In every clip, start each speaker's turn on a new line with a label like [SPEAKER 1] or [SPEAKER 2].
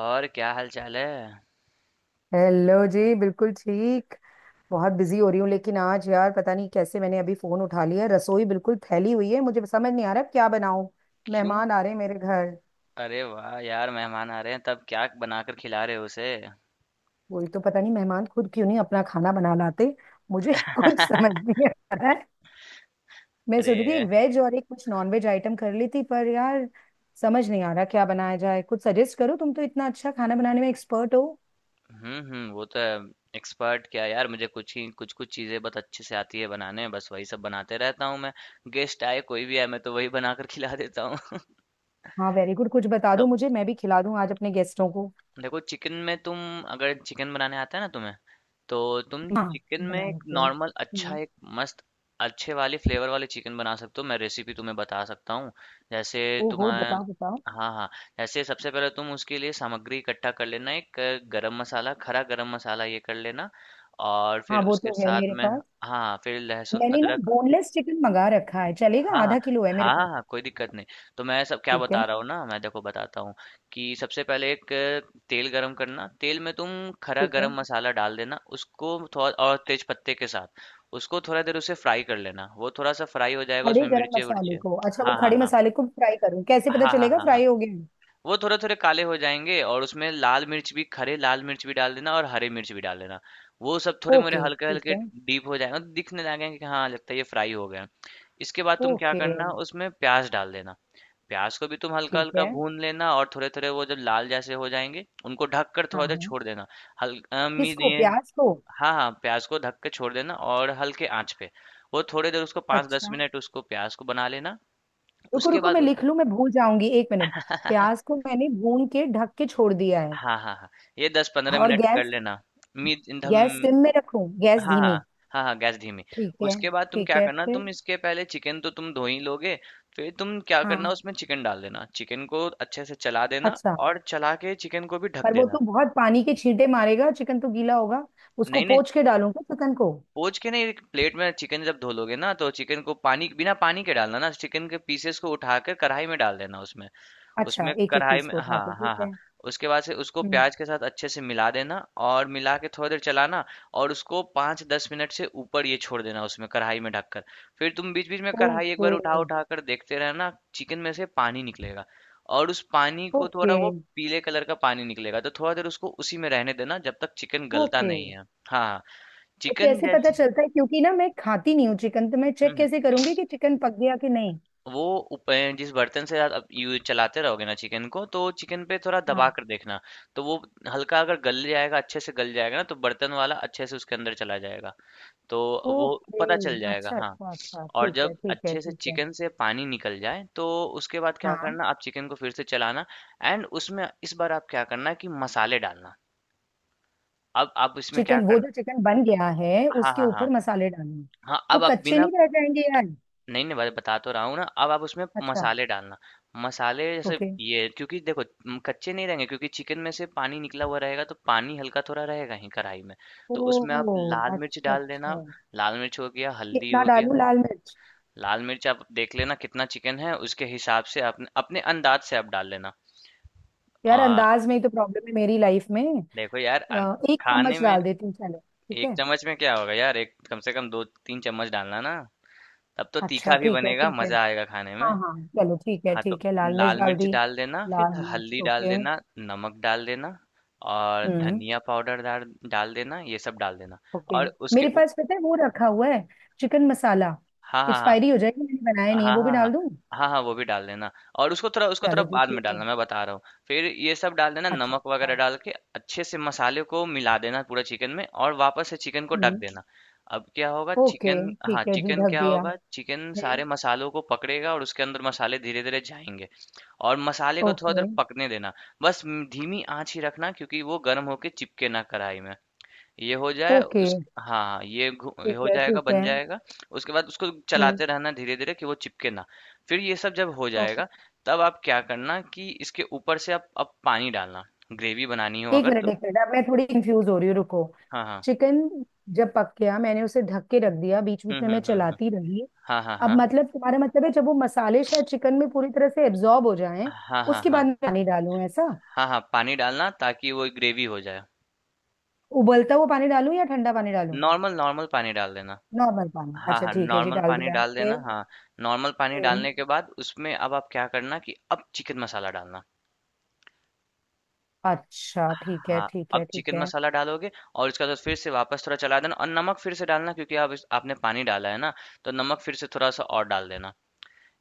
[SPEAKER 1] और क्या हाल चाल है।
[SPEAKER 2] हेलो जी, बिल्कुल ठीक। बहुत बिजी हो रही हूँ, लेकिन आज यार पता नहीं कैसे मैंने अभी फोन उठा लिया। रसोई बिल्कुल फैली हुई है, मुझे समझ नहीं आ रहा क्या बनाऊं।
[SPEAKER 1] क्यों?
[SPEAKER 2] मेहमान आ रहे हैं मेरे घर।
[SPEAKER 1] अरे वाह यार, मेहमान आ रहे हैं तब क्या बनाकर खिला रहे हो उसे?
[SPEAKER 2] वही तो पता नहीं, मेहमान खुद क्यों नहीं अपना खाना बना लाते। मुझे कुछ समझ नहीं आ रहा है। मैं सोच रही थी एक
[SPEAKER 1] अरे,
[SPEAKER 2] वेज और एक कुछ नॉन वेज आइटम कर ली थी, पर यार समझ नहीं आ रहा क्या बनाया जाए। कुछ सजेस्ट करो, तुम तो इतना अच्छा खाना बनाने में एक्सपर्ट हो।
[SPEAKER 1] हम्म, वो तो है। एक्सपर्ट क्या यार, मुझे कुछ कुछ चीजें बहुत अच्छे से आती है बनाने, बस वही सब बनाते रहता हूँ मैं। गेस्ट आए कोई भी आए, मैं तो वही बनाकर खिला देता हूँ।
[SPEAKER 2] हाँ, वेरी गुड, कुछ बता दो मुझे, मैं भी खिला दूं आज अपने गेस्टों को।
[SPEAKER 1] देखो चिकन में तुम, अगर चिकन बनाने आता है ना तुम्हें, तो तुम
[SPEAKER 2] हाँ,
[SPEAKER 1] चिकन में
[SPEAKER 2] बना
[SPEAKER 1] एक
[SPEAKER 2] लेते हो।
[SPEAKER 1] नॉर्मल अच्छा, एक मस्त अच्छे वाले फ्लेवर वाले चिकन बना सकते हो। मैं रेसिपी तुम्हें बता सकता हूँ। जैसे
[SPEAKER 2] ओहो,
[SPEAKER 1] तुम्हें,
[SPEAKER 2] बताओ बताओ।
[SPEAKER 1] हाँ हाँ, जैसे सबसे पहले तुम उसके लिए सामग्री इकट्ठा कर लेना। एक गरम मसाला, खरा गरम मसाला ये कर लेना। और
[SPEAKER 2] हाँ,
[SPEAKER 1] फिर
[SPEAKER 2] वो
[SPEAKER 1] उसके
[SPEAKER 2] तो है
[SPEAKER 1] साथ
[SPEAKER 2] मेरे
[SPEAKER 1] में,
[SPEAKER 2] पास।
[SPEAKER 1] हाँ, फिर लहसुन
[SPEAKER 2] मैंने ना
[SPEAKER 1] अदरक।
[SPEAKER 2] बोनलेस चिकन मंगा रखा है, चलेगा?
[SPEAKER 1] हाँ,
[SPEAKER 2] आधा किलो है मेरे
[SPEAKER 1] हाँ,
[SPEAKER 2] पास।
[SPEAKER 1] हाँ, कोई दिक्कत नहीं। तो मैं सब क्या
[SPEAKER 2] ठीक है,
[SPEAKER 1] बता रहा हूँ ना, मैं देखो बताता हूँ कि सबसे पहले एक तेल गरम करना। तेल में तुम खड़ा
[SPEAKER 2] ठीक है।
[SPEAKER 1] गरम मसाला डाल देना, उसको थोड़ा, और तेज पत्ते के साथ। उसको थोड़ा देर उसे फ्राई कर लेना। वो थोड़ा सा फ्राई हो जाएगा,
[SPEAKER 2] खड़े
[SPEAKER 1] उसमें
[SPEAKER 2] गरम
[SPEAKER 1] मिर्चे विर्चे।
[SPEAKER 2] मसाले को, अच्छा, वो
[SPEAKER 1] हाँ, हाँ,
[SPEAKER 2] खड़े
[SPEAKER 1] हाँ।
[SPEAKER 2] मसाले को फ्राई करूँ? कैसे पता
[SPEAKER 1] हाँ, हाँ,
[SPEAKER 2] चलेगा
[SPEAKER 1] हाँ, हाँ।
[SPEAKER 2] फ्राई हो गए?
[SPEAKER 1] वो थोड़े थोड़े काले हो जाएंगे, और उसमें लाल मिर्च भी, खड़े लाल मिर्च भी डाल देना, और हरे मिर्च भी डाल देना। वो सब थोड़े मोरे
[SPEAKER 2] ओके,
[SPEAKER 1] हल्के
[SPEAKER 2] ठीक
[SPEAKER 1] हल्के
[SPEAKER 2] है।
[SPEAKER 1] डीप हो जाएंगे, दिखने लगेंगे कि हाँ लगता है ये फ्राई हो गए। इसके बाद तुम क्या
[SPEAKER 2] ओके,
[SPEAKER 1] करना, उसमें प्याज डाल देना। प्याज को भी तुम हल्का
[SPEAKER 2] ठीक
[SPEAKER 1] हल्का
[SPEAKER 2] है।
[SPEAKER 1] भून लेना, और थोड़े थोड़े वो जब लाल जैसे हो जाएंगे उनको ढक कर
[SPEAKER 2] हाँ
[SPEAKER 1] थोड़ा देर
[SPEAKER 2] हाँ।
[SPEAKER 1] छोड़ देना। हल्का।
[SPEAKER 2] किसको,
[SPEAKER 1] ये,
[SPEAKER 2] प्याज को?
[SPEAKER 1] हाँ हाँ, प्याज को ढक के छोड़ देना और हल्के आंच पे। वो थोड़ी देर उसको पाँच दस
[SPEAKER 2] अच्छा,
[SPEAKER 1] मिनट उसको प्याज को बना लेना।
[SPEAKER 2] रुको
[SPEAKER 1] उसके
[SPEAKER 2] रुको, मैं
[SPEAKER 1] बाद
[SPEAKER 2] लिख लूँ, मैं भूल जाऊंगी, एक मिनट। प्याज को मैंने भून के ढक के छोड़ दिया है।
[SPEAKER 1] हाँ हाँ हाँ, ये दस पंद्रह
[SPEAKER 2] और
[SPEAKER 1] मिनट कर
[SPEAKER 2] गैस?
[SPEAKER 1] लेना। मीडियम।
[SPEAKER 2] गैस सिम में रखूं, गैस
[SPEAKER 1] हाँ हाँ,
[SPEAKER 2] धीमी?
[SPEAKER 1] हाँ हाँ, गैस धीमी।
[SPEAKER 2] ठीक है,
[SPEAKER 1] उसके बाद तुम
[SPEAKER 2] ठीक
[SPEAKER 1] क्या
[SPEAKER 2] है,
[SPEAKER 1] करना,
[SPEAKER 2] फिर?
[SPEAKER 1] तुम इसके पहले चिकन तो तुम धो ही लोगे। फिर तुम क्या करना,
[SPEAKER 2] हाँ।
[SPEAKER 1] उसमें चिकन डाल देना, चिकन को अच्छे से चला देना।
[SPEAKER 2] अच्छा,
[SPEAKER 1] और चला के चिकन को भी ढक
[SPEAKER 2] पर वो
[SPEAKER 1] देना।
[SPEAKER 2] तो बहुत पानी के छींटे मारेगा, चिकन तो गीला होगा। उसको
[SPEAKER 1] नहीं नहीं,
[SPEAKER 2] पोंछ के डालूंगा चिकन को।
[SPEAKER 1] पोंछ के नहीं, एक प्लेट में चिकन जब धो लोगे ना तो चिकन को पानी, बिना पानी के डालना ना, चिकन के पीसेस को उठाकर कढ़ाई में डाल देना उसमें।
[SPEAKER 2] अच्छा,
[SPEAKER 1] उसमें
[SPEAKER 2] एक एक
[SPEAKER 1] कढ़ाई
[SPEAKER 2] पीस
[SPEAKER 1] में,
[SPEAKER 2] को उठा के,
[SPEAKER 1] हाँ,
[SPEAKER 2] ठीक
[SPEAKER 1] हाँ, हाँ।
[SPEAKER 2] है।
[SPEAKER 1] उसके बाद से उसको
[SPEAKER 2] हम्म।
[SPEAKER 1] प्याज के साथ अच्छे से मिला देना, और मिला के थोड़ी देर चलाना। और उसको 5-10 मिनट से ऊपर ये छोड़ देना उसमें कढ़ाई में ढककर। फिर तुम बीच-बीच में कढ़ाई एक
[SPEAKER 2] ओके।
[SPEAKER 1] बार उठा-उठा कर देखते रहना, चिकन में से पानी निकलेगा, और उस पानी को थोड़ा
[SPEAKER 2] ओके।
[SPEAKER 1] वो, पीले कलर का पानी निकलेगा। तो थोड़ा देर उसको उसी में रहने देना जब तक चिकन गलता
[SPEAKER 2] ओके,
[SPEAKER 1] नहीं है। हाँ,
[SPEAKER 2] तो
[SPEAKER 1] चिकन
[SPEAKER 2] कैसे पता
[SPEAKER 1] जैसे,
[SPEAKER 2] चलता है? क्योंकि ना मैं खाती नहीं हूँ चिकन, तो मैं चेक
[SPEAKER 1] हुँ।
[SPEAKER 2] कैसे करूंगी कि चिकन पक गया कि नहीं।
[SPEAKER 1] वो जिस बर्तन से आप यू चलाते रहोगे ना चिकन को, तो चिकन पे थोड़ा दबा
[SPEAKER 2] हाँ।
[SPEAKER 1] कर देखना। तो वो हल्का अगर गल जाएगा, अच्छे से गल जाएगा ना, तो बर्तन वाला अच्छे से उसके अंदर चला जाएगा। तो वो
[SPEAKER 2] ओके।
[SPEAKER 1] पता चल जाएगा,
[SPEAKER 2] अच्छा
[SPEAKER 1] हाँ।
[SPEAKER 2] अच्छा अच्छा,
[SPEAKER 1] और
[SPEAKER 2] ठीक है
[SPEAKER 1] जब
[SPEAKER 2] ठीक है
[SPEAKER 1] अच्छे से
[SPEAKER 2] ठीक है।
[SPEAKER 1] चिकन से पानी निकल जाए तो उसके बाद क्या
[SPEAKER 2] हाँ।
[SPEAKER 1] करना, आप चिकन को फिर से चलाना। एंड उसमें इस बार आप क्या करना कि मसाले डालना। अब आप इसमें क्या
[SPEAKER 2] चिकन, वो
[SPEAKER 1] करना,
[SPEAKER 2] जो चिकन बन गया है
[SPEAKER 1] हाँ
[SPEAKER 2] उसके
[SPEAKER 1] हाँ हाँ,
[SPEAKER 2] ऊपर मसाले डालने?
[SPEAKER 1] हाँ
[SPEAKER 2] तो
[SPEAKER 1] अब आप
[SPEAKER 2] कच्चे
[SPEAKER 1] बिना,
[SPEAKER 2] नहीं रह जाएंगे यार?
[SPEAKER 1] नहीं, नहीं, मैं बता तो रहा हूँ ना। अब आप उसमें
[SPEAKER 2] अच्छा।
[SPEAKER 1] मसाले डालना। मसाले जैसे
[SPEAKER 2] ओके।
[SPEAKER 1] ये, क्योंकि देखो, कच्चे नहीं रहेंगे क्योंकि चिकन में से पानी निकला हुआ रहेगा, तो पानी हल्का थोड़ा रहेगा ही कढ़ाई में।
[SPEAKER 2] ओ
[SPEAKER 1] तो उसमें आप लाल मिर्च
[SPEAKER 2] अच्छा
[SPEAKER 1] डाल देना।
[SPEAKER 2] अच्छा।
[SPEAKER 1] लाल मिर्च हो गया, हल्दी
[SPEAKER 2] कितना
[SPEAKER 1] हो गया।
[SPEAKER 2] डालूं लाल मिर्च?
[SPEAKER 1] लाल मिर्च आप देख लेना कितना चिकन है उसके हिसाब से अपने अपने अंदाज से आप डाल लेना। आ,
[SPEAKER 2] यार अंदाज में ही तो प्रॉब्लम है मेरी लाइफ में।
[SPEAKER 1] देखो यार
[SPEAKER 2] अ, एक
[SPEAKER 1] खाने
[SPEAKER 2] चम्मच डाल
[SPEAKER 1] में
[SPEAKER 2] देती हूँ, चलो। ठीक
[SPEAKER 1] एक
[SPEAKER 2] है।
[SPEAKER 1] चम्मच में क्या होगा यार, एक कम से कम 2-3 चम्मच डालना ना। तब तो
[SPEAKER 2] अच्छा
[SPEAKER 1] तीखा भी
[SPEAKER 2] ठीक है
[SPEAKER 1] बनेगा,
[SPEAKER 2] ठीक है।
[SPEAKER 1] मजा आएगा खाने
[SPEAKER 2] हाँ
[SPEAKER 1] में।
[SPEAKER 2] हाँ। चलो ठीक है
[SPEAKER 1] हाँ, तो
[SPEAKER 2] ठीक है, लाल मिर्च
[SPEAKER 1] लाल
[SPEAKER 2] डाल
[SPEAKER 1] मिर्च
[SPEAKER 2] दी।
[SPEAKER 1] डाल देना, फिर
[SPEAKER 2] लाल मिर्च
[SPEAKER 1] हल्दी डाल
[SPEAKER 2] ओके।
[SPEAKER 1] देना, नमक डाल देना, और
[SPEAKER 2] हम्म।
[SPEAKER 1] धनिया पाउडर डाल, डाल देना, ये सब डाल देना।
[SPEAKER 2] ओके।
[SPEAKER 1] और उसके
[SPEAKER 2] मेरे
[SPEAKER 1] उप,
[SPEAKER 2] पास पता है वो रखा हुआ है, चिकन मसाला।
[SPEAKER 1] हाँ, हाँ, हाँ।
[SPEAKER 2] एक्सपायरी हो जाएगी, मैंने बनाया
[SPEAKER 1] हाँ,
[SPEAKER 2] नहीं है, वो भी
[SPEAKER 1] हाँ, हाँ।
[SPEAKER 2] डाल दूँ?
[SPEAKER 1] हाँ, हाँ, हाँ, वो भी डाल देना। और उसको थोड़ा, उसको थोड़ा
[SPEAKER 2] चलो जी
[SPEAKER 1] बाद में
[SPEAKER 2] ठीक
[SPEAKER 1] डालना,
[SPEAKER 2] है।
[SPEAKER 1] मैं बता रहा हूँ। फिर ये सब डाल देना,
[SPEAKER 2] अच्छा
[SPEAKER 1] नमक
[SPEAKER 2] अच्छा।
[SPEAKER 1] वगैरह डाल के अच्छे से मसाले को मिला देना पूरा चिकन में, और वापस से चिकन को ढक
[SPEAKER 2] हम्म।
[SPEAKER 1] देना। अब क्या होगा
[SPEAKER 2] ओके,
[SPEAKER 1] चिकन, हाँ,
[SPEAKER 2] ठीक है जी,
[SPEAKER 1] चिकन
[SPEAKER 2] ढक
[SPEAKER 1] क्या
[SPEAKER 2] दिया
[SPEAKER 1] होगा, चिकन
[SPEAKER 2] है।
[SPEAKER 1] सारे मसालों को पकड़ेगा और उसके अंदर मसाले धीरे धीरे जाएंगे। और मसाले को थोड़ा देर
[SPEAKER 2] ओके।
[SPEAKER 1] पकने देना। बस धीमी आंच ही रखना, क्योंकि वो गर्म होके चिपके ना कढ़ाई में। ये हो जाए,
[SPEAKER 2] ओके
[SPEAKER 1] उस हाँ हाँ, ये ये
[SPEAKER 2] ठीक
[SPEAKER 1] हो
[SPEAKER 2] है
[SPEAKER 1] जाएगा,
[SPEAKER 2] ठीक
[SPEAKER 1] बन
[SPEAKER 2] है।
[SPEAKER 1] जाएगा। उसके बाद उसको
[SPEAKER 2] हम्म।
[SPEAKER 1] चलाते रहना धीरे धीरे कि वो चिपके ना। फिर ये सब जब हो
[SPEAKER 2] ओके।
[SPEAKER 1] जाएगा, तब आप क्या करना कि इसके ऊपर से आप अब पानी डालना। ग्रेवी बनानी हो
[SPEAKER 2] एक
[SPEAKER 1] अगर
[SPEAKER 2] मिनट
[SPEAKER 1] तो,
[SPEAKER 2] एक मिनट, अब मैं थोड़ी कंफ्यूज हो रही हूँ, रुको।
[SPEAKER 1] हाँ हाँ,
[SPEAKER 2] चिकन जब पक गया, मैंने उसे ढक के रख दिया, बीच
[SPEAKER 1] हम्म
[SPEAKER 2] बीच में
[SPEAKER 1] हम्म
[SPEAKER 2] मैं
[SPEAKER 1] हम्म हम्म,
[SPEAKER 2] चलाती रही।
[SPEAKER 1] हाँ हाँ
[SPEAKER 2] अब
[SPEAKER 1] हाँ,
[SPEAKER 2] मतलब तुम्हारा मतलब है जब वो मसाले शायद चिकन में पूरी तरह से एब्जॉर्ब हो जाएं,
[SPEAKER 1] हाँ हाँ
[SPEAKER 2] उसके
[SPEAKER 1] हाँ,
[SPEAKER 2] बाद मैं पानी डालूं, ऐसा?
[SPEAKER 1] हाँ हाँ पानी डालना ताकि वो ग्रेवी हो जाए।
[SPEAKER 2] उबलता हुआ पानी डालूं या ठंडा पानी डालूं?
[SPEAKER 1] नॉर्मल, नॉर्मल पानी डाल देना।
[SPEAKER 2] नॉर्मल पानी,
[SPEAKER 1] हाँ
[SPEAKER 2] अच्छा
[SPEAKER 1] हाँ,
[SPEAKER 2] ठीक है जी,
[SPEAKER 1] नॉर्मल
[SPEAKER 2] डाल
[SPEAKER 1] पानी
[SPEAKER 2] दिया,
[SPEAKER 1] डाल देना,
[SPEAKER 2] फिर?
[SPEAKER 1] हाँ। नॉर्मल पानी
[SPEAKER 2] हम्म।
[SPEAKER 1] डालने के बाद उसमें अब आप क्या करना कि अब चिकन मसाला डालना।
[SPEAKER 2] अच्छा ठीक है
[SPEAKER 1] हाँ,
[SPEAKER 2] ठीक
[SPEAKER 1] अब
[SPEAKER 2] है ठीक
[SPEAKER 1] चिकन
[SPEAKER 2] है।
[SPEAKER 1] मसाला डालोगे और उसके बाद फिर से वापस थोड़ा चला देना, और नमक फिर से डालना क्योंकि आप आपने पानी डाला है ना, तो नमक फिर से थोड़ा सा और डाल देना।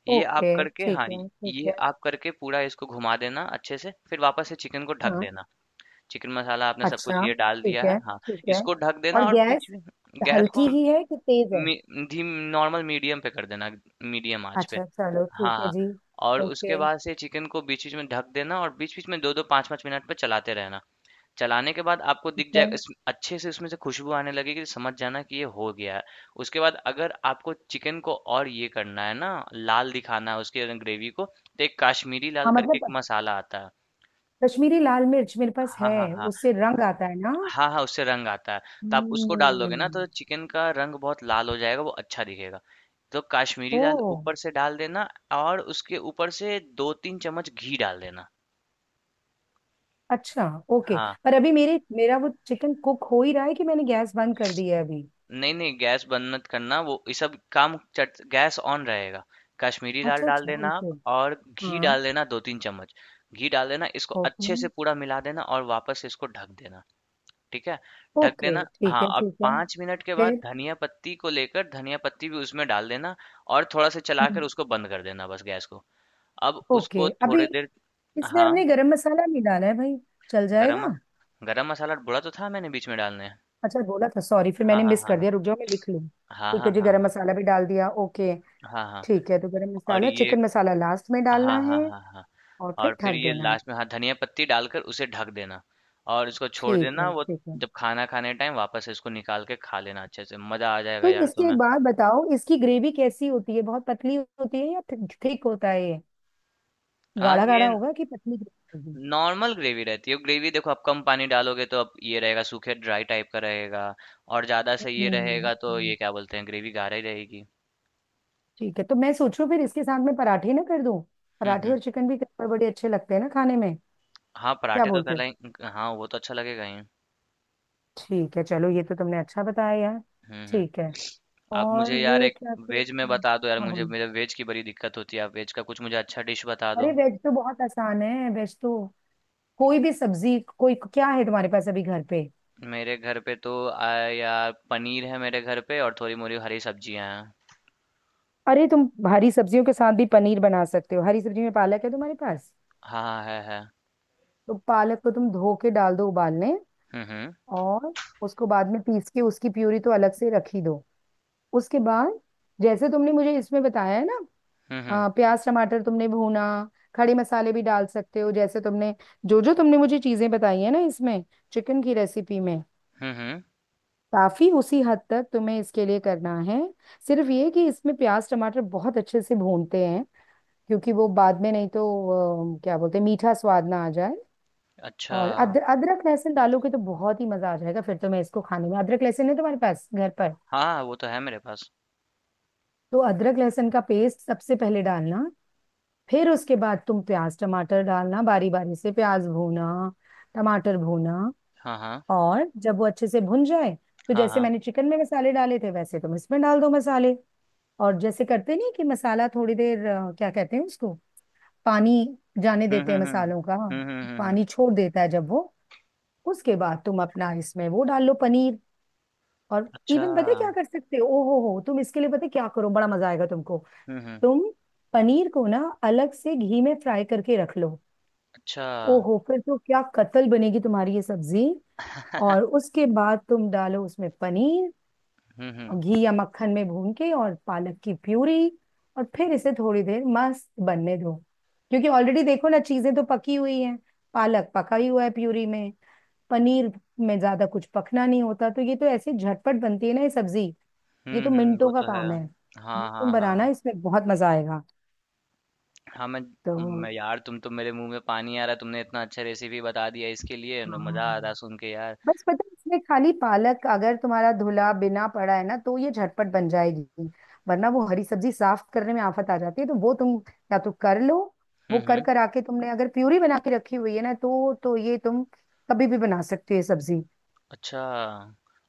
[SPEAKER 1] ये आप
[SPEAKER 2] ओके
[SPEAKER 1] करके,
[SPEAKER 2] ठीक
[SPEAKER 1] हाँ,
[SPEAKER 2] है ठीक
[SPEAKER 1] ये
[SPEAKER 2] है।
[SPEAKER 1] आप करके पूरा इसको घुमा देना अच्छे से, फिर वापस से चिकन को ढक
[SPEAKER 2] हाँ।
[SPEAKER 1] देना। चिकन मसाला आपने सब कुछ
[SPEAKER 2] अच्छा
[SPEAKER 1] ये डाल
[SPEAKER 2] ठीक
[SPEAKER 1] दिया है,
[SPEAKER 2] है
[SPEAKER 1] हाँ।
[SPEAKER 2] ठीक है।
[SPEAKER 1] इसको ढक देना
[SPEAKER 2] और
[SPEAKER 1] और बीच
[SPEAKER 2] गैस
[SPEAKER 1] में गैस
[SPEAKER 2] हल्की
[SPEAKER 1] को,
[SPEAKER 2] ही है कि तेज है?
[SPEAKER 1] मी, धीम नॉर्मल मीडियम पे कर देना, मीडियम आंच पे।
[SPEAKER 2] अच्छा चलो
[SPEAKER 1] हाँ
[SPEAKER 2] ठीक है
[SPEAKER 1] हाँ।
[SPEAKER 2] जी।
[SPEAKER 1] और उसके
[SPEAKER 2] ओके।
[SPEAKER 1] बाद से चिकन को बीच बीच में ढक देना, और बीच बीच में दो दो पाँच पाँच मिनट पे चलाते रहना। चलाने के बाद आपको
[SPEAKER 2] ठीक
[SPEAKER 1] दिख
[SPEAKER 2] है।
[SPEAKER 1] जाए इस अच्छे से, इसमें से खुशबू आने लगेगी, समझ जाना कि ये हो गया है। उसके बाद अगर आपको चिकन को और ये करना है ना, लाल दिखाना है उसके ग्रेवी को, तो एक काश्मीरी लाल
[SPEAKER 2] हाँ
[SPEAKER 1] करके एक
[SPEAKER 2] मतलब
[SPEAKER 1] मसाला आता है।
[SPEAKER 2] कश्मीरी लाल मिर्च मेरे पास
[SPEAKER 1] हाँ
[SPEAKER 2] है,
[SPEAKER 1] हाँ हाँ,
[SPEAKER 2] उससे रंग
[SPEAKER 1] हाँ,
[SPEAKER 2] आता है ना?
[SPEAKER 1] हाँ हाँ, उससे रंग आता है। तो आप उसको डाल दोगे ना तो
[SPEAKER 2] हम्म।
[SPEAKER 1] चिकन का रंग बहुत लाल हो जाएगा, वो अच्छा दिखेगा। तो काश्मीरी
[SPEAKER 2] ओ
[SPEAKER 1] लाल ऊपर से डाल देना। और उसके ऊपर से 2-3 चम्मच घी डाल देना।
[SPEAKER 2] अच्छा। ओके।
[SPEAKER 1] हाँ।
[SPEAKER 2] पर अभी मेरे, मेरा वो चिकन कुक हो ही रहा है कि मैंने गैस बंद कर दिया है अभी।
[SPEAKER 1] नहीं, नहीं, गैस बंद मत करना, वो ये सब काम चट गैस ऑन रहेगा। कश्मीरी दाल
[SPEAKER 2] अच्छा
[SPEAKER 1] डाल
[SPEAKER 2] अच्छा
[SPEAKER 1] देना आप।
[SPEAKER 2] ओके।
[SPEAKER 1] और घी
[SPEAKER 2] हाँ।
[SPEAKER 1] डाल देना 2-3 चम्मच। घी डाल देना, इसको अच्छे
[SPEAKER 2] ओके।
[SPEAKER 1] से पूरा मिला देना, और वापस इसको ढक देना। ठीक है? ढक
[SPEAKER 2] ओके
[SPEAKER 1] देना,
[SPEAKER 2] ठीक
[SPEAKER 1] हाँ,
[SPEAKER 2] है
[SPEAKER 1] और
[SPEAKER 2] ठीक है,
[SPEAKER 1] 5 मिनट के बाद
[SPEAKER 2] फिर?
[SPEAKER 1] धनिया पत्ती को लेकर, धनिया पत्ती भी उसमें डाल देना। और थोड़ा सा चलाकर
[SPEAKER 2] हम्म,
[SPEAKER 1] उसको बंद कर देना, बस गैस को। अब उसको
[SPEAKER 2] ओके। अभी
[SPEAKER 1] थोड़ी देर,
[SPEAKER 2] इसमें
[SPEAKER 1] हाँ,
[SPEAKER 2] हमने गरम मसाला नहीं डाला है भाई, चल
[SPEAKER 1] गरम
[SPEAKER 2] जाएगा?
[SPEAKER 1] मस गरम मसाला बोला तो था मैंने बीच में डालने।
[SPEAKER 2] अच्छा, बोला था, सॉरी, फिर
[SPEAKER 1] हाँ,
[SPEAKER 2] मैंने
[SPEAKER 1] हाँ,
[SPEAKER 2] मिस कर
[SPEAKER 1] हाँ।
[SPEAKER 2] दिया, रुक जाओ मैं लिख लूँ।
[SPEAKER 1] हाँ,
[SPEAKER 2] ठीक है
[SPEAKER 1] हाँ,
[SPEAKER 2] जी,
[SPEAKER 1] हाँ,
[SPEAKER 2] गरम
[SPEAKER 1] हाँ।
[SPEAKER 2] मसाला भी डाल दिया, ओके।
[SPEAKER 1] हाँ, हाँ,
[SPEAKER 2] ठीक है, तो गरम
[SPEAKER 1] और
[SPEAKER 2] मसाला,
[SPEAKER 1] ये
[SPEAKER 2] चिकन मसाला लास्ट में डालना
[SPEAKER 1] हाँ,
[SPEAKER 2] है
[SPEAKER 1] हाँ, हाँ, हाँ।
[SPEAKER 2] और
[SPEAKER 1] और
[SPEAKER 2] फिर
[SPEAKER 1] फिर
[SPEAKER 2] ढक
[SPEAKER 1] ये
[SPEAKER 2] देना है।
[SPEAKER 1] लास्ट में, हाँ, धनिया पत्ती डालकर उसे ढक देना, और इसको छोड़
[SPEAKER 2] ठीक
[SPEAKER 1] देना।
[SPEAKER 2] है
[SPEAKER 1] वो
[SPEAKER 2] ठीक है।
[SPEAKER 1] जब खाना खाने टाइम वापस इसको निकाल के खा लेना, अच्छे से मजा आ जाएगा
[SPEAKER 2] तो
[SPEAKER 1] यार
[SPEAKER 2] इसके,
[SPEAKER 1] तुम्हें।
[SPEAKER 2] एक बात बताओ, इसकी ग्रेवी कैसी होती है? बहुत पतली होती है या थिक होता है ये?
[SPEAKER 1] हाँ,
[SPEAKER 2] गाढ़ा
[SPEAKER 1] ये
[SPEAKER 2] गाढ़ा होगा कि पतली ग्रेवी होगी?
[SPEAKER 1] नॉर्मल ग्रेवी रहती है। ग्रेवी देखो आप कम पानी डालोगे तो अब ये रहेगा, सूखे ड्राई टाइप का रहेगा। और ज्यादा से ये रहेगा तो
[SPEAKER 2] हम्म।
[SPEAKER 1] ये क्या बोलते हैं, ग्रेवी गाढ़ा ही रहेगी।
[SPEAKER 2] ठीक है, तो मैं सोचूं फिर इसके साथ में पराठे ना कर दूं? पराठे
[SPEAKER 1] हम्म,
[SPEAKER 2] और चिकन भी कई बार बड़े अच्छे लगते हैं ना खाने में।
[SPEAKER 1] हाँ
[SPEAKER 2] क्या
[SPEAKER 1] पराठे तो
[SPEAKER 2] बोलते
[SPEAKER 1] कर
[SPEAKER 2] हो?
[SPEAKER 1] लाएं, हाँ वो तो अच्छा लगेगा ही।
[SPEAKER 2] ठीक है, चलो ये तो तुमने अच्छा बताया यार।
[SPEAKER 1] हम्म।
[SPEAKER 2] ठीक है।
[SPEAKER 1] आप
[SPEAKER 2] और
[SPEAKER 1] मुझे यार एक,
[SPEAKER 2] क्या क्या?
[SPEAKER 1] वेज में बता दो यार
[SPEAKER 2] हाँ
[SPEAKER 1] मुझे,
[SPEAKER 2] बोलो।
[SPEAKER 1] मेरे वेज की बड़ी दिक्कत होती है। आप वेज का कुछ मुझे अच्छा डिश बता दो।
[SPEAKER 2] अरे वेज तो बहुत आसान है, वेज तो। कोई भी सब्जी, कोई, क्या है तुम्हारे पास अभी घर पे?
[SPEAKER 1] मेरे घर पे तो यार पनीर है मेरे घर पे, और थोड़ी मोरी हरी सब्जियां हैं।
[SPEAKER 2] अरे तुम हरी सब्जियों के साथ भी पनीर बना सकते हो। हरी सब्जी में पालक है तुम्हारे पास?
[SPEAKER 1] हाँ हाँ, है है।
[SPEAKER 2] तो पालक को तुम धो के डाल दो उबालने।
[SPEAKER 1] हम्म हम्म
[SPEAKER 2] और उसको बाद में पीस के उसकी प्यूरी तो अलग से रख ही दो। उसके बाद जैसे तुमने मुझे इसमें बताया है ना,
[SPEAKER 1] हम्म हम्म
[SPEAKER 2] प्याज टमाटर तुमने भूना, खड़े मसाले भी डाल सकते हो जैसे तुमने, जो जो तुमने मुझे चीजें बताई है ना इसमें, चिकन की रेसिपी में,
[SPEAKER 1] हम्म हम्म,
[SPEAKER 2] काफी उसी हद तक तुम्हें इसके लिए करना है। सिर्फ ये कि इसमें प्याज टमाटर बहुत अच्छे से भूनते हैं, क्योंकि वो बाद में नहीं तो क्या बोलते हैं, मीठा स्वाद ना आ जाए।
[SPEAKER 1] अच्छा,
[SPEAKER 2] और अदरक लहसुन डालोगे तो बहुत ही मजा आ जाएगा, फिर तुम्हें इसको खाने में। अदरक लहसुन है तुम्हारे पास घर पर?
[SPEAKER 1] हाँ हाँ, वो तो है मेरे पास।
[SPEAKER 2] तो अदरक लहसुन का पेस्ट सबसे पहले डालना। फिर उसके बाद तुम प्याज टमाटर डालना बारी बारी से, प्याज भूना, टमाटर भूना।
[SPEAKER 1] हाँ हाँ
[SPEAKER 2] और जब वो अच्छे से भुन जाए, तो
[SPEAKER 1] हाँ,
[SPEAKER 2] जैसे
[SPEAKER 1] हाँ।
[SPEAKER 2] मैंने चिकन में मसाले डाले थे, वैसे तुम इसमें डाल दो मसाले। और जैसे करते नहीं कि मसाला थोड़ी देर, क्या कहते हैं उसको, पानी जाने
[SPEAKER 1] हम्म
[SPEAKER 2] देते हैं
[SPEAKER 1] हम्म हम्म
[SPEAKER 2] मसालों का,
[SPEAKER 1] हम्म हम्म हम्म, हम्म,
[SPEAKER 2] पानी छोड़ देता है जब वो, उसके बाद तुम अपना इसमें वो डाल लो, पनीर। और
[SPEAKER 1] अच्छा,
[SPEAKER 2] इवन, पता है क्या कर सकते हो? ओ हो, तुम इसके लिए पता है क्या करो, बड़ा मजा आएगा तुमको।
[SPEAKER 1] हम्म,
[SPEAKER 2] तुम पनीर को ना अलग से घी में फ्राई करके रख लो।
[SPEAKER 1] अच्छा,
[SPEAKER 2] ओ हो, फिर तो क्या कतल बनेगी तुम्हारी ये सब्जी। और उसके बाद तुम डालो उसमें पनीर,
[SPEAKER 1] हम्म हम्म
[SPEAKER 2] और घी या मक्खन में भून के, और पालक की प्यूरी। और फिर इसे थोड़ी देर मस्त बनने दो। क्योंकि ऑलरेडी देखो ना, चीजें तो पकी हुई हैं। पालक पका ही हुआ है प्यूरी में, पनीर में ज्यादा कुछ पकना नहीं होता, तो ये तो ऐसे झटपट बनती है ना ये सब्जी। ये तो
[SPEAKER 1] वो
[SPEAKER 2] मिनटों का
[SPEAKER 1] तो है।
[SPEAKER 2] काम है। ये
[SPEAKER 1] हाँ
[SPEAKER 2] तुम
[SPEAKER 1] हाँ
[SPEAKER 2] बनाना,
[SPEAKER 1] हाँ।
[SPEAKER 2] इसमें बहुत मजा आएगा।
[SPEAKER 1] हाँ मैं
[SPEAKER 2] तो
[SPEAKER 1] मैं यार तुम तो, मेरे मुंह में पानी आ रहा है, तुमने इतना अच्छा रेसिपी बता दिया इसके लिए, तो
[SPEAKER 2] हाँ,
[SPEAKER 1] मजा आ रहा सुन के यार।
[SPEAKER 2] बस पता है इसमें खाली पालक अगर तुम्हारा धुला बिना पड़ा है ना, तो ये झटपट बन जाएगी। वरना वो हरी सब्जी साफ करने में आफत आ जाती है, तो वो तुम या तो कर लो। वो कर
[SPEAKER 1] हम्म।
[SPEAKER 2] कर आके तुमने अगर प्यूरी बना के रखी हुई है ना, तो ये तुम कभी भी बना सकते हो ये सब्जी।
[SPEAKER 1] अच्छा,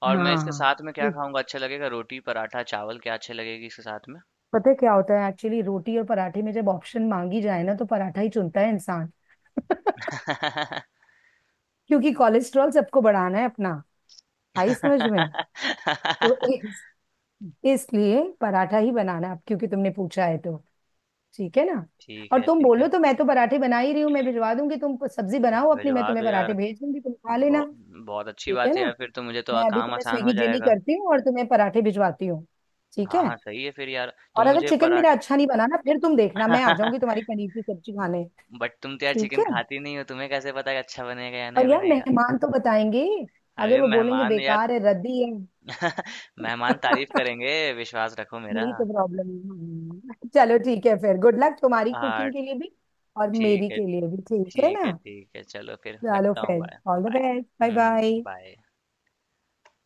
[SPEAKER 1] और मैं इसके
[SPEAKER 2] हाँ।
[SPEAKER 1] साथ में क्या
[SPEAKER 2] ये
[SPEAKER 1] खाऊँगा अच्छा लगेगा? रोटी, पराठा, चावल क्या अच्छे लगेगी इसके साथ में?
[SPEAKER 2] पता है क्या होता है एक्चुअली, रोटी और पराठे में जब ऑप्शन मांगी जाए ना, तो पराठा ही चुनता है इंसान। क्योंकि कोलेस्ट्रॉल सबको बढ़ाना है अपना। आई समझ में? तो इस- इसलिए पराठा ही बनाना है अब, क्योंकि तुमने पूछा है तो। ठीक है ना?
[SPEAKER 1] ठीक
[SPEAKER 2] और
[SPEAKER 1] है,
[SPEAKER 2] तुम
[SPEAKER 1] ठीक
[SPEAKER 2] बोलो
[SPEAKER 1] है।
[SPEAKER 2] तो मैं तो पराठे बना ही रही हूँ, मैं भिजवा दूंगी। तुम सब्जी बनाओ अपनी,
[SPEAKER 1] भिजवा
[SPEAKER 2] मैं
[SPEAKER 1] दो
[SPEAKER 2] तुम्हें
[SPEAKER 1] यार।
[SPEAKER 2] पराठे भेज दूंगी, तुम खा लेना।
[SPEAKER 1] बहु बहुत अच्छी
[SPEAKER 2] ठीक है
[SPEAKER 1] बात है
[SPEAKER 2] ना?
[SPEAKER 1] यार, फिर तो मुझे तो
[SPEAKER 2] मैं अभी
[SPEAKER 1] काम
[SPEAKER 2] तुम्हें
[SPEAKER 1] आसान हो
[SPEAKER 2] स्विगी जेनी
[SPEAKER 1] जाएगा।
[SPEAKER 2] करती हूँ और तुम्हें पराठे भिजवाती हूँ। ठीक
[SPEAKER 1] हाँ,
[SPEAKER 2] है।
[SPEAKER 1] हाँ, सही है फिर यार। तुम
[SPEAKER 2] और अगर
[SPEAKER 1] मुझे
[SPEAKER 2] चिकन मेरा
[SPEAKER 1] पराठा।
[SPEAKER 2] अच्छा नहीं बना ना, फिर तुम देखना मैं आ जाऊंगी तुम्हारी पनीर की सब्जी खाने।
[SPEAKER 1] बट तुम तो यार
[SPEAKER 2] ठीक
[SPEAKER 1] चिकन
[SPEAKER 2] है।
[SPEAKER 1] खाती नहीं हो, तुम्हें कैसे पता कि अच्छा बनेगा या
[SPEAKER 2] पर
[SPEAKER 1] नहीं
[SPEAKER 2] यार
[SPEAKER 1] बनेगा?
[SPEAKER 2] मेहमान तो बताएंगे,
[SPEAKER 1] अरे
[SPEAKER 2] अगर वो बोलेंगे
[SPEAKER 1] मेहमान यार,
[SPEAKER 2] बेकार है, रद्दी है।
[SPEAKER 1] मेहमान तारीफ़ करेंगे, विश्वास रखो मेरा।
[SPEAKER 2] यही तो प्रॉब्लम है। हम्म। चलो ठीक है फिर, गुड लक तुम्हारी
[SPEAKER 1] हाँ,
[SPEAKER 2] कुकिंग के लिए भी और
[SPEAKER 1] ठीक
[SPEAKER 2] मेरी
[SPEAKER 1] है।
[SPEAKER 2] के लिए भी, ठीक है
[SPEAKER 1] ठीक
[SPEAKER 2] ना।
[SPEAKER 1] है, ठीक है, चलो फिर
[SPEAKER 2] चलो
[SPEAKER 1] रखता हूँ,
[SPEAKER 2] फिर,
[SPEAKER 1] bye.
[SPEAKER 2] All the
[SPEAKER 1] bye.
[SPEAKER 2] Best, bye
[SPEAKER 1] hmm.
[SPEAKER 2] Bye.
[SPEAKER 1] Bye.